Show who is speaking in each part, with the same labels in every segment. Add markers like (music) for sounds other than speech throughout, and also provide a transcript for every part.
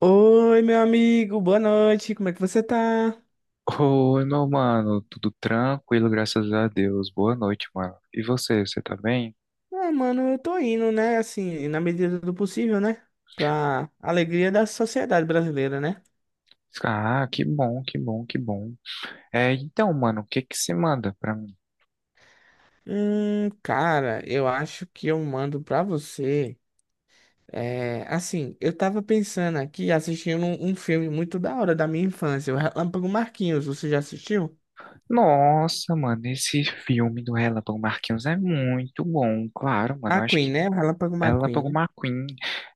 Speaker 1: Oi, meu amigo, boa noite, como é que você tá?
Speaker 2: Oi, meu mano, tudo tranquilo, graças a Deus. Boa noite, mano. E você tá bem?
Speaker 1: Ah, mano, eu tô indo, né, assim, na medida do possível, né, pra alegria da sociedade brasileira, né?
Speaker 2: Ah, que bom, que bom, que bom. É, então, mano, o que que se manda pra mim?
Speaker 1: Cara, eu acho que eu mando pra você, é, assim, eu tava pensando aqui, assistindo um filme muito da hora da minha infância, o Relâmpago Marquinhos, você já assistiu?
Speaker 2: Nossa, mano, esse filme do Relâmpago Marquinhos é muito bom, claro, mano. Eu acho
Speaker 1: McQueen,
Speaker 2: que
Speaker 1: né, o Relâmpago McQueen,
Speaker 2: Relâmpago
Speaker 1: né?
Speaker 2: McQueen,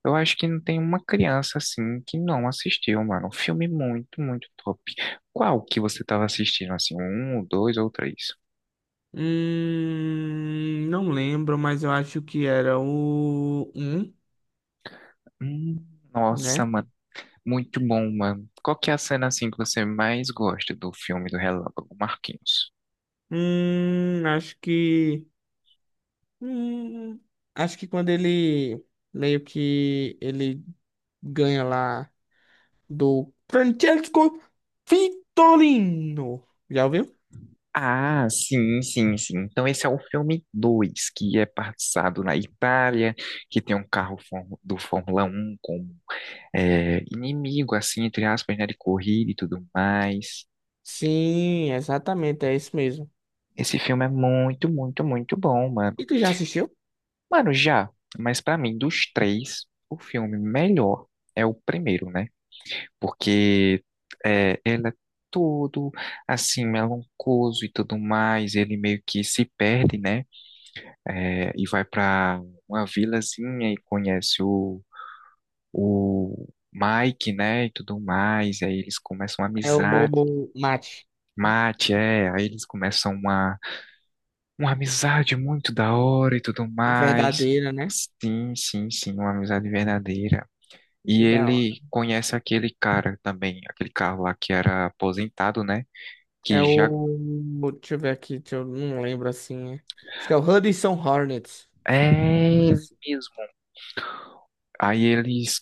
Speaker 2: eu acho que não tem uma criança assim que não assistiu, mano. Um filme muito, muito top. Qual que você tava assistindo, assim? Um, dois ou três?
Speaker 1: Não lembro, mas eu acho que era o um,
Speaker 2: Hum, nossa,
Speaker 1: né?
Speaker 2: mano. Muito bom, mano. Qual que é a cena assim que você mais gosta do filme do Relâmpago Marquinhos?
Speaker 1: Hum, acho que. Hum, acho que quando ele meio que ele ganha lá do Francesco Vitorino. Já ouviu?
Speaker 2: Ah, sim, sim, sim. Então esse é o filme 2 que é passado na Itália, que tem um carro do Fórmula 1 como é, inimigo, assim, entre aspas, né, de corrida e tudo mais.
Speaker 1: Sim, exatamente, é isso mesmo.
Speaker 2: Esse filme é muito, muito, muito bom, mano.
Speaker 1: E tu já assistiu?
Speaker 2: Mano, já, mas pra mim, dos três, o filme melhor é o primeiro, né? Porque ele é todo assim melancoso e tudo mais. Ele meio que se perde, né? É, e vai para uma vilazinha e conhece o Mike, né? E tudo mais. Aí eles começam uma
Speaker 1: É o
Speaker 2: amizade.
Speaker 1: Mate.
Speaker 2: Mate, é, aí eles começam uma amizade muito da hora e tudo
Speaker 1: E
Speaker 2: mais.
Speaker 1: verdadeira, né?
Speaker 2: Sim, sim, sim, uma amizade verdadeira. E
Speaker 1: Que da hora.
Speaker 2: ele conhece aquele cara também, aquele cara lá que era aposentado, né? que
Speaker 1: É
Speaker 2: já
Speaker 1: o. Deixa eu ver aqui, não lembro assim. É. Acho que é o Hudson Hornets.
Speaker 2: é ele mesmo. Aí eles,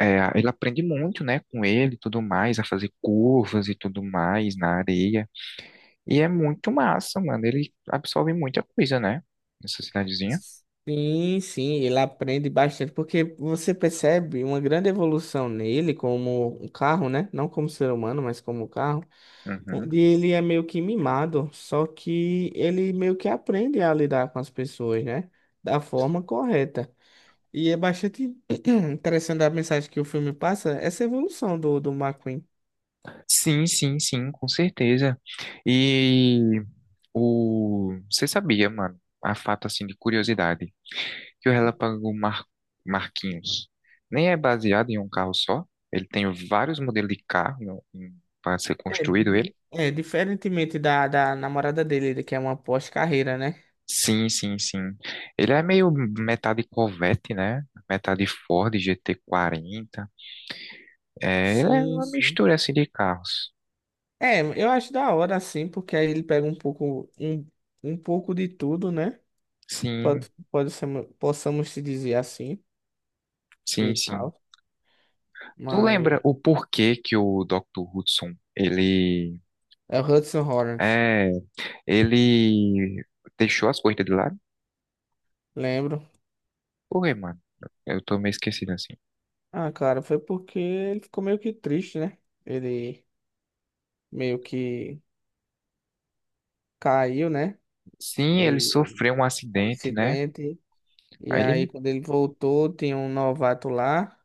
Speaker 2: é, ele aprende muito, né, com ele e tudo mais, a fazer curvas e tudo mais na areia. E é muito massa, mano. Ele absorve muita coisa, né, nessa cidadezinha.
Speaker 1: Sim, sim, ele aprende bastante, porque você percebe uma grande evolução nele como um carro, né? Não como ser humano, mas como um carro,
Speaker 2: Uhum.
Speaker 1: onde ele é meio que mimado, só que ele meio que aprende a lidar com as pessoas, né? Da forma correta. E é bastante (clears throat) interessante a mensagem que o filme passa, essa evolução do McQueen.
Speaker 2: Sim, sim, sim, com certeza. E você sabia, mano, a fato assim de curiosidade, que o Relâmpago Marquinhos nem é baseado em um carro só. Ele tem vários modelos de carro para ser
Speaker 1: É,
Speaker 2: construído ele.
Speaker 1: é, diferentemente da namorada dele, que é uma pós-carreira, né?
Speaker 2: Sim, sim, sim. Ele é meio metade Corvette, né? Metade Ford GT40. É, ele é
Speaker 1: Sim,
Speaker 2: uma
Speaker 1: sim.
Speaker 2: mistura assim de carros.
Speaker 1: É, eu acho da hora assim, porque aí ele pega um pouco de tudo, né?
Speaker 2: Sim,
Speaker 1: Pode ser, possamos se dizer assim
Speaker 2: sim,
Speaker 1: e
Speaker 2: sim.
Speaker 1: tal.
Speaker 2: Tu
Speaker 1: Mas
Speaker 2: lembra o porquê que o Dr. Hudson,
Speaker 1: é o Hudson Hornet,
Speaker 2: é, ele deixou as coisas de lado?
Speaker 1: lembro.
Speaker 2: Por quê, mano? Eu tô meio esquecido assim.
Speaker 1: Ah, cara, foi porque ele ficou meio que triste, né? Ele meio que caiu, né?
Speaker 2: Sim, ele
Speaker 1: De
Speaker 2: sofreu um
Speaker 1: um
Speaker 2: acidente, né?
Speaker 1: acidente. E
Speaker 2: Aí
Speaker 1: aí,
Speaker 2: ele,
Speaker 1: quando ele voltou, tinha um novato lá.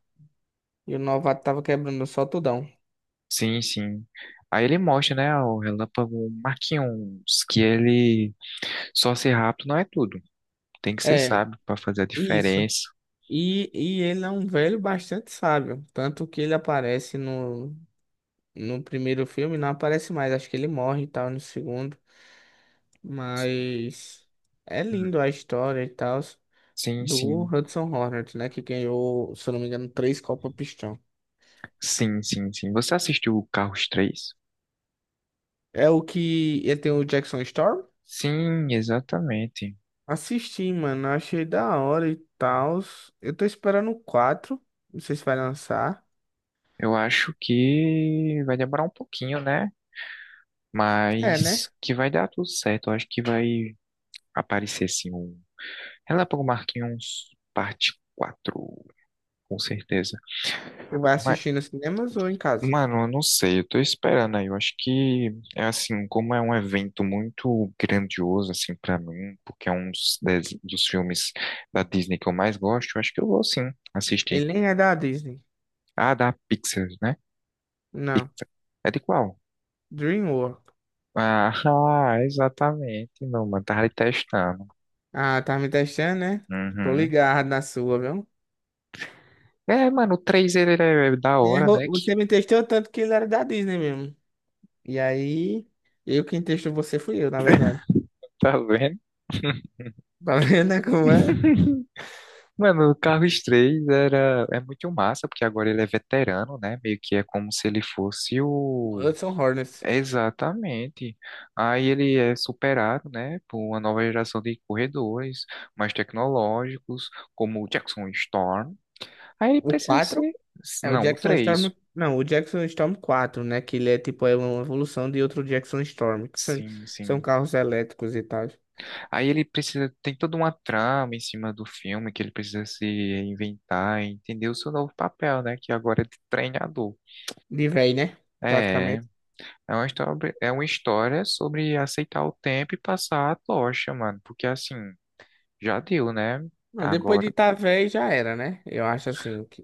Speaker 1: E o novato tava quebrando o soltão.
Speaker 2: sim, sim. Aí ele mostra, né, o Relâmpago Marquinhos, que ele só ser rápido não é tudo. Tem que ser
Speaker 1: É,
Speaker 2: sábio para fazer a
Speaker 1: isso.
Speaker 2: diferença.
Speaker 1: E ele é um velho bastante sábio. Tanto que ele aparece no primeiro filme, não aparece mais. Acho que ele morre e tal no segundo. Mas é
Speaker 2: Hum.
Speaker 1: lindo a história e tal
Speaker 2: Sim,
Speaker 1: do
Speaker 2: sim.
Speaker 1: Hudson Hornet, né? Que ganhou, se eu não me engano, três Copa Pistão.
Speaker 2: Sim, sim, sim. Você assistiu o Carros 3.
Speaker 1: É o que ele tem o Jackson Storm?
Speaker 2: Sim, exatamente.
Speaker 1: Assisti, mano. Achei da hora e tal. Eu tô esperando o quatro. Não sei se vai lançar.
Speaker 2: Eu acho que vai demorar um pouquinho, né?
Speaker 1: É,
Speaker 2: Mas
Speaker 1: né?
Speaker 2: que vai dar tudo certo. Eu acho que vai aparecer sim o Relâmpago Marquinhos parte 4, com certeza.
Speaker 1: Tu vai
Speaker 2: Mas,
Speaker 1: assistir nos cinemas ou em casa?
Speaker 2: mano, eu não sei, eu tô esperando aí. Eu acho que é assim, como é um evento muito grandioso, assim, pra mim, porque é um dos filmes da Disney que eu mais gosto, eu acho que eu vou sim assistir.
Speaker 1: Ele nem é da Disney.
Speaker 2: Ah, da Pixar, né?
Speaker 1: Não.
Speaker 2: Pixar. É de qual?
Speaker 1: Dreamwork.
Speaker 2: Ah, (laughs) ah, exatamente, não, mano, tava ali testando.
Speaker 1: Ah, tá me testando, né? Tô
Speaker 2: Uhum.
Speaker 1: ligado na sua, viu?
Speaker 2: É, mano, o 3 ele é da hora,
Speaker 1: Errou.
Speaker 2: né? (laughs) Que
Speaker 1: Você me testou tanto que ele era da Disney mesmo. E aí, eu quem testou você fui eu, na verdade. (laughs)
Speaker 2: tá vendo?
Speaker 1: Tá vendo, né, como é?
Speaker 2: (laughs) Mano, o Carlos 3 é muito massa, porque agora ele é veterano, né? Meio que é como se ele fosse
Speaker 1: O
Speaker 2: o.
Speaker 1: Hudson Hornets.
Speaker 2: Exatamente. Aí ele é superado, né, por uma nova geração de corredores mais tecnológicos, como o Jackson Storm. Aí ele
Speaker 1: O
Speaker 2: precisa
Speaker 1: quatro?
Speaker 2: ser.
Speaker 1: É o
Speaker 2: Não, o
Speaker 1: Jackson Storm.
Speaker 2: 3.
Speaker 1: Não, o Jackson Storm 4, né? Que ele é tipo é uma evolução de outro Jackson Storm.
Speaker 2: Sim,
Speaker 1: São
Speaker 2: sim.
Speaker 1: carros elétricos e tal.
Speaker 2: Aí ele precisa. Tem toda uma trama em cima do filme que ele precisa se reinventar, e entender o seu novo papel, né? Que agora é de treinador.
Speaker 1: De véi, né?
Speaker 2: É,
Speaker 1: Praticamente.
Speaker 2: É uma história, é uma história sobre aceitar o tempo e passar a tocha, mano. Porque assim, já deu, né?
Speaker 1: Não, depois de
Speaker 2: Agora.
Speaker 1: tá véi já era, né? Eu acho assim que.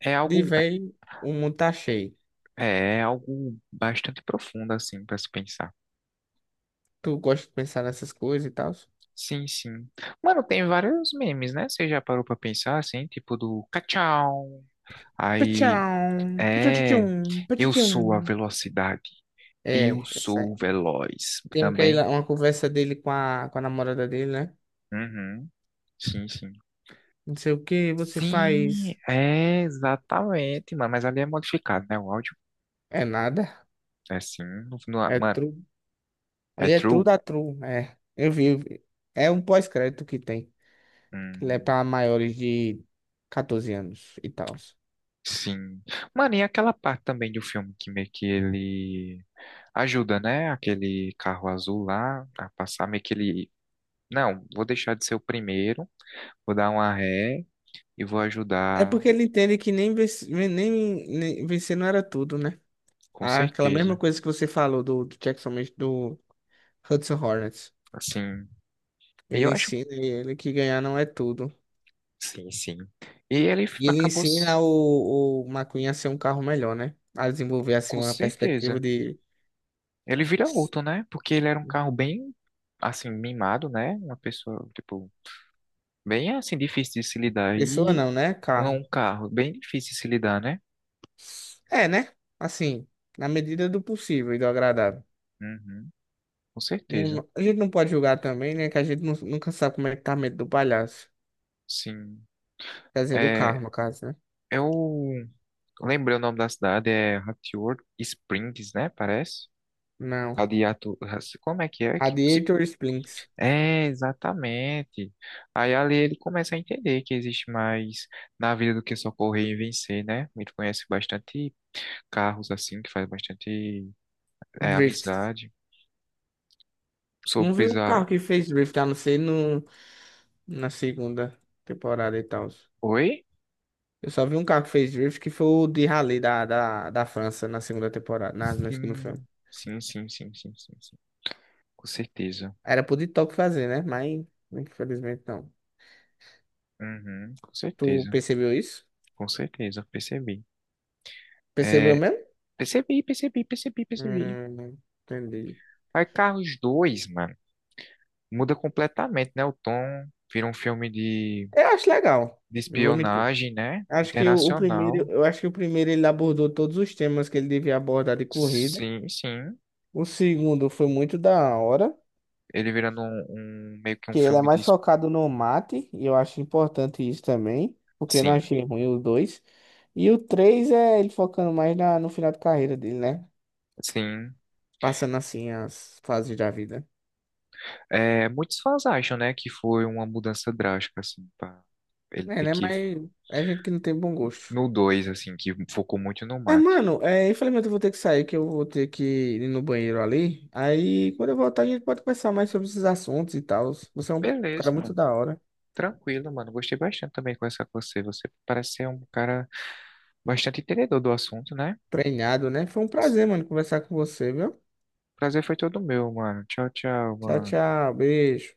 Speaker 2: É
Speaker 1: De
Speaker 2: algo,
Speaker 1: véi, o mundo tá cheio.
Speaker 2: é algo bastante profundo, assim, pra se pensar.
Speaker 1: Tu gosta de pensar nessas coisas e tal?
Speaker 2: Sim, sim. Mano, tem vários memes, né? Você já parou pra pensar, assim, tipo do cachau. Aí,
Speaker 1: Pachão, pachão,
Speaker 2: é, eu sou a
Speaker 1: pachão.
Speaker 2: velocidade. Eu
Speaker 1: É, essa é.
Speaker 2: sou veloz.
Speaker 1: Tem aquela,
Speaker 2: Também.
Speaker 1: uma conversa dele com com a namorada dele, né?
Speaker 2: Uhum. Sim, sim.
Speaker 1: Não sei o que você
Speaker 2: Sim,
Speaker 1: faz.
Speaker 2: é exatamente, mano. Mas ali é modificado, né? O áudio
Speaker 1: É nada.
Speaker 2: é assim. Ah,
Speaker 1: É
Speaker 2: mano,
Speaker 1: true.
Speaker 2: é
Speaker 1: Ali é true
Speaker 2: true.
Speaker 1: da true. É. Eu vi. É um pós-crédito que tem. Ele é
Speaker 2: Hum,
Speaker 1: pra maiores de 14 anos e tal.
Speaker 2: sim. Mano, e aquela parte também do filme que meio que ele ajuda, né? Aquele carro azul lá a passar, meio que ele. Não, vou deixar de ser o primeiro, vou dar uma ré e vou
Speaker 1: É
Speaker 2: ajudar,
Speaker 1: porque ele entende que nem vencer não era tudo, né?
Speaker 2: com
Speaker 1: Aquela mesma
Speaker 2: certeza.
Speaker 1: coisa que você falou do Jackson, do Hudson Hornets.
Speaker 2: Assim, e
Speaker 1: Ele
Speaker 2: eu acho.
Speaker 1: ensina ele que ganhar não é tudo.
Speaker 2: Sim, sim. E ele
Speaker 1: E ele
Speaker 2: acabou,
Speaker 1: ensina o McQueen a ser um carro melhor, né? A desenvolver, assim,
Speaker 2: com
Speaker 1: uma perspectiva
Speaker 2: certeza.
Speaker 1: de...
Speaker 2: Ele vira outro, né? Porque ele era um carro bem, assim, mimado, né? Uma pessoa, tipo, bem, assim, difícil de se lidar.
Speaker 1: Pessoa
Speaker 2: E
Speaker 1: não, né?
Speaker 2: é
Speaker 1: Carro.
Speaker 2: um carro bem difícil de se lidar, né?
Speaker 1: É, né? Assim, na medida do possível e do agradável.
Speaker 2: Uhum, com certeza.
Speaker 1: A gente não pode julgar também, né? Que nunca sabe como é que tá a mente do palhaço.
Speaker 2: Sim.
Speaker 1: Quer dizer, do carro,
Speaker 2: É,
Speaker 1: no caso, né?
Speaker 2: eu lembrei o nome da cidade, é Hatfield Springs, né? Parece.
Speaker 1: Não.
Speaker 2: Radiato... Como é que é?
Speaker 1: Radiator Splints.
Speaker 2: É, exatamente. Aí ali ele começa a entender que existe mais na vida do que só correr e vencer, né? Ele conhece bastante carros assim, que faz bastante
Speaker 1: Drift.
Speaker 2: amizade. Sou
Speaker 1: Não vi um carro
Speaker 2: pisar.
Speaker 1: que fez drift, a não ser no, na segunda temporada e tal.
Speaker 2: Oi?
Speaker 1: Eu só vi um carro que fez drift, que foi o de Rally da França na segunda temporada, no segundo filme.
Speaker 2: Sim, sim, sim, sim, sim, sim, sim. Com certeza.
Speaker 1: Era pro TikTok fazer, né? Mas, infelizmente, não.
Speaker 2: Uhum, com
Speaker 1: Tu
Speaker 2: certeza.
Speaker 1: percebeu isso?
Speaker 2: Com certeza, percebi.
Speaker 1: Percebeu
Speaker 2: É,
Speaker 1: mesmo?
Speaker 2: percebi, percebi, percebi, percebi.
Speaker 1: Hum, entendi.
Speaker 2: Aí Carros 2 mano, muda completamente, né? O tom vira um filme de,
Speaker 1: Eu acho legal,
Speaker 2: de
Speaker 1: não vou mentir.
Speaker 2: espionagem, né?
Speaker 1: Acho que o primeiro,
Speaker 2: Internacional.
Speaker 1: eu acho que o primeiro ele abordou todos os temas que ele devia abordar de corrida.
Speaker 2: Sim, sim.
Speaker 1: O segundo foi muito da hora,
Speaker 2: Ele virando um meio que um
Speaker 1: que ele é
Speaker 2: filme de.
Speaker 1: mais focado no mate, e eu acho importante isso também, porque eu não
Speaker 2: Sim,
Speaker 1: achei ruim os dois. E o 3 é ele focando mais no final de carreira dele, né?
Speaker 2: sim.
Speaker 1: Passando assim as fases da vida.
Speaker 2: É, muitos fãs acham, né, que foi uma mudança drástica, assim, pra ele
Speaker 1: É,
Speaker 2: ter
Speaker 1: né?
Speaker 2: que,
Speaker 1: Mas é gente que não tem bom gosto.
Speaker 2: no 2 assim, que focou muito no
Speaker 1: É,
Speaker 2: mate.
Speaker 1: mano, é, infelizmente eu vou ter que sair, que eu vou ter que ir no banheiro ali. Aí quando eu voltar, a gente pode conversar mais sobre esses assuntos e tal. Você é um cara
Speaker 2: Beleza,
Speaker 1: muito
Speaker 2: mano.
Speaker 1: da hora,
Speaker 2: Tranquilo, mano. Gostei bastante também de conversar com você. Você parece ser um cara bastante entendedor do assunto, né?
Speaker 1: treinado, né? Foi um prazer, mano, conversar com você, viu?
Speaker 2: Prazer foi todo meu, mano. Tchau, tchau,
Speaker 1: Tchau,
Speaker 2: mano.
Speaker 1: tchau, beijo.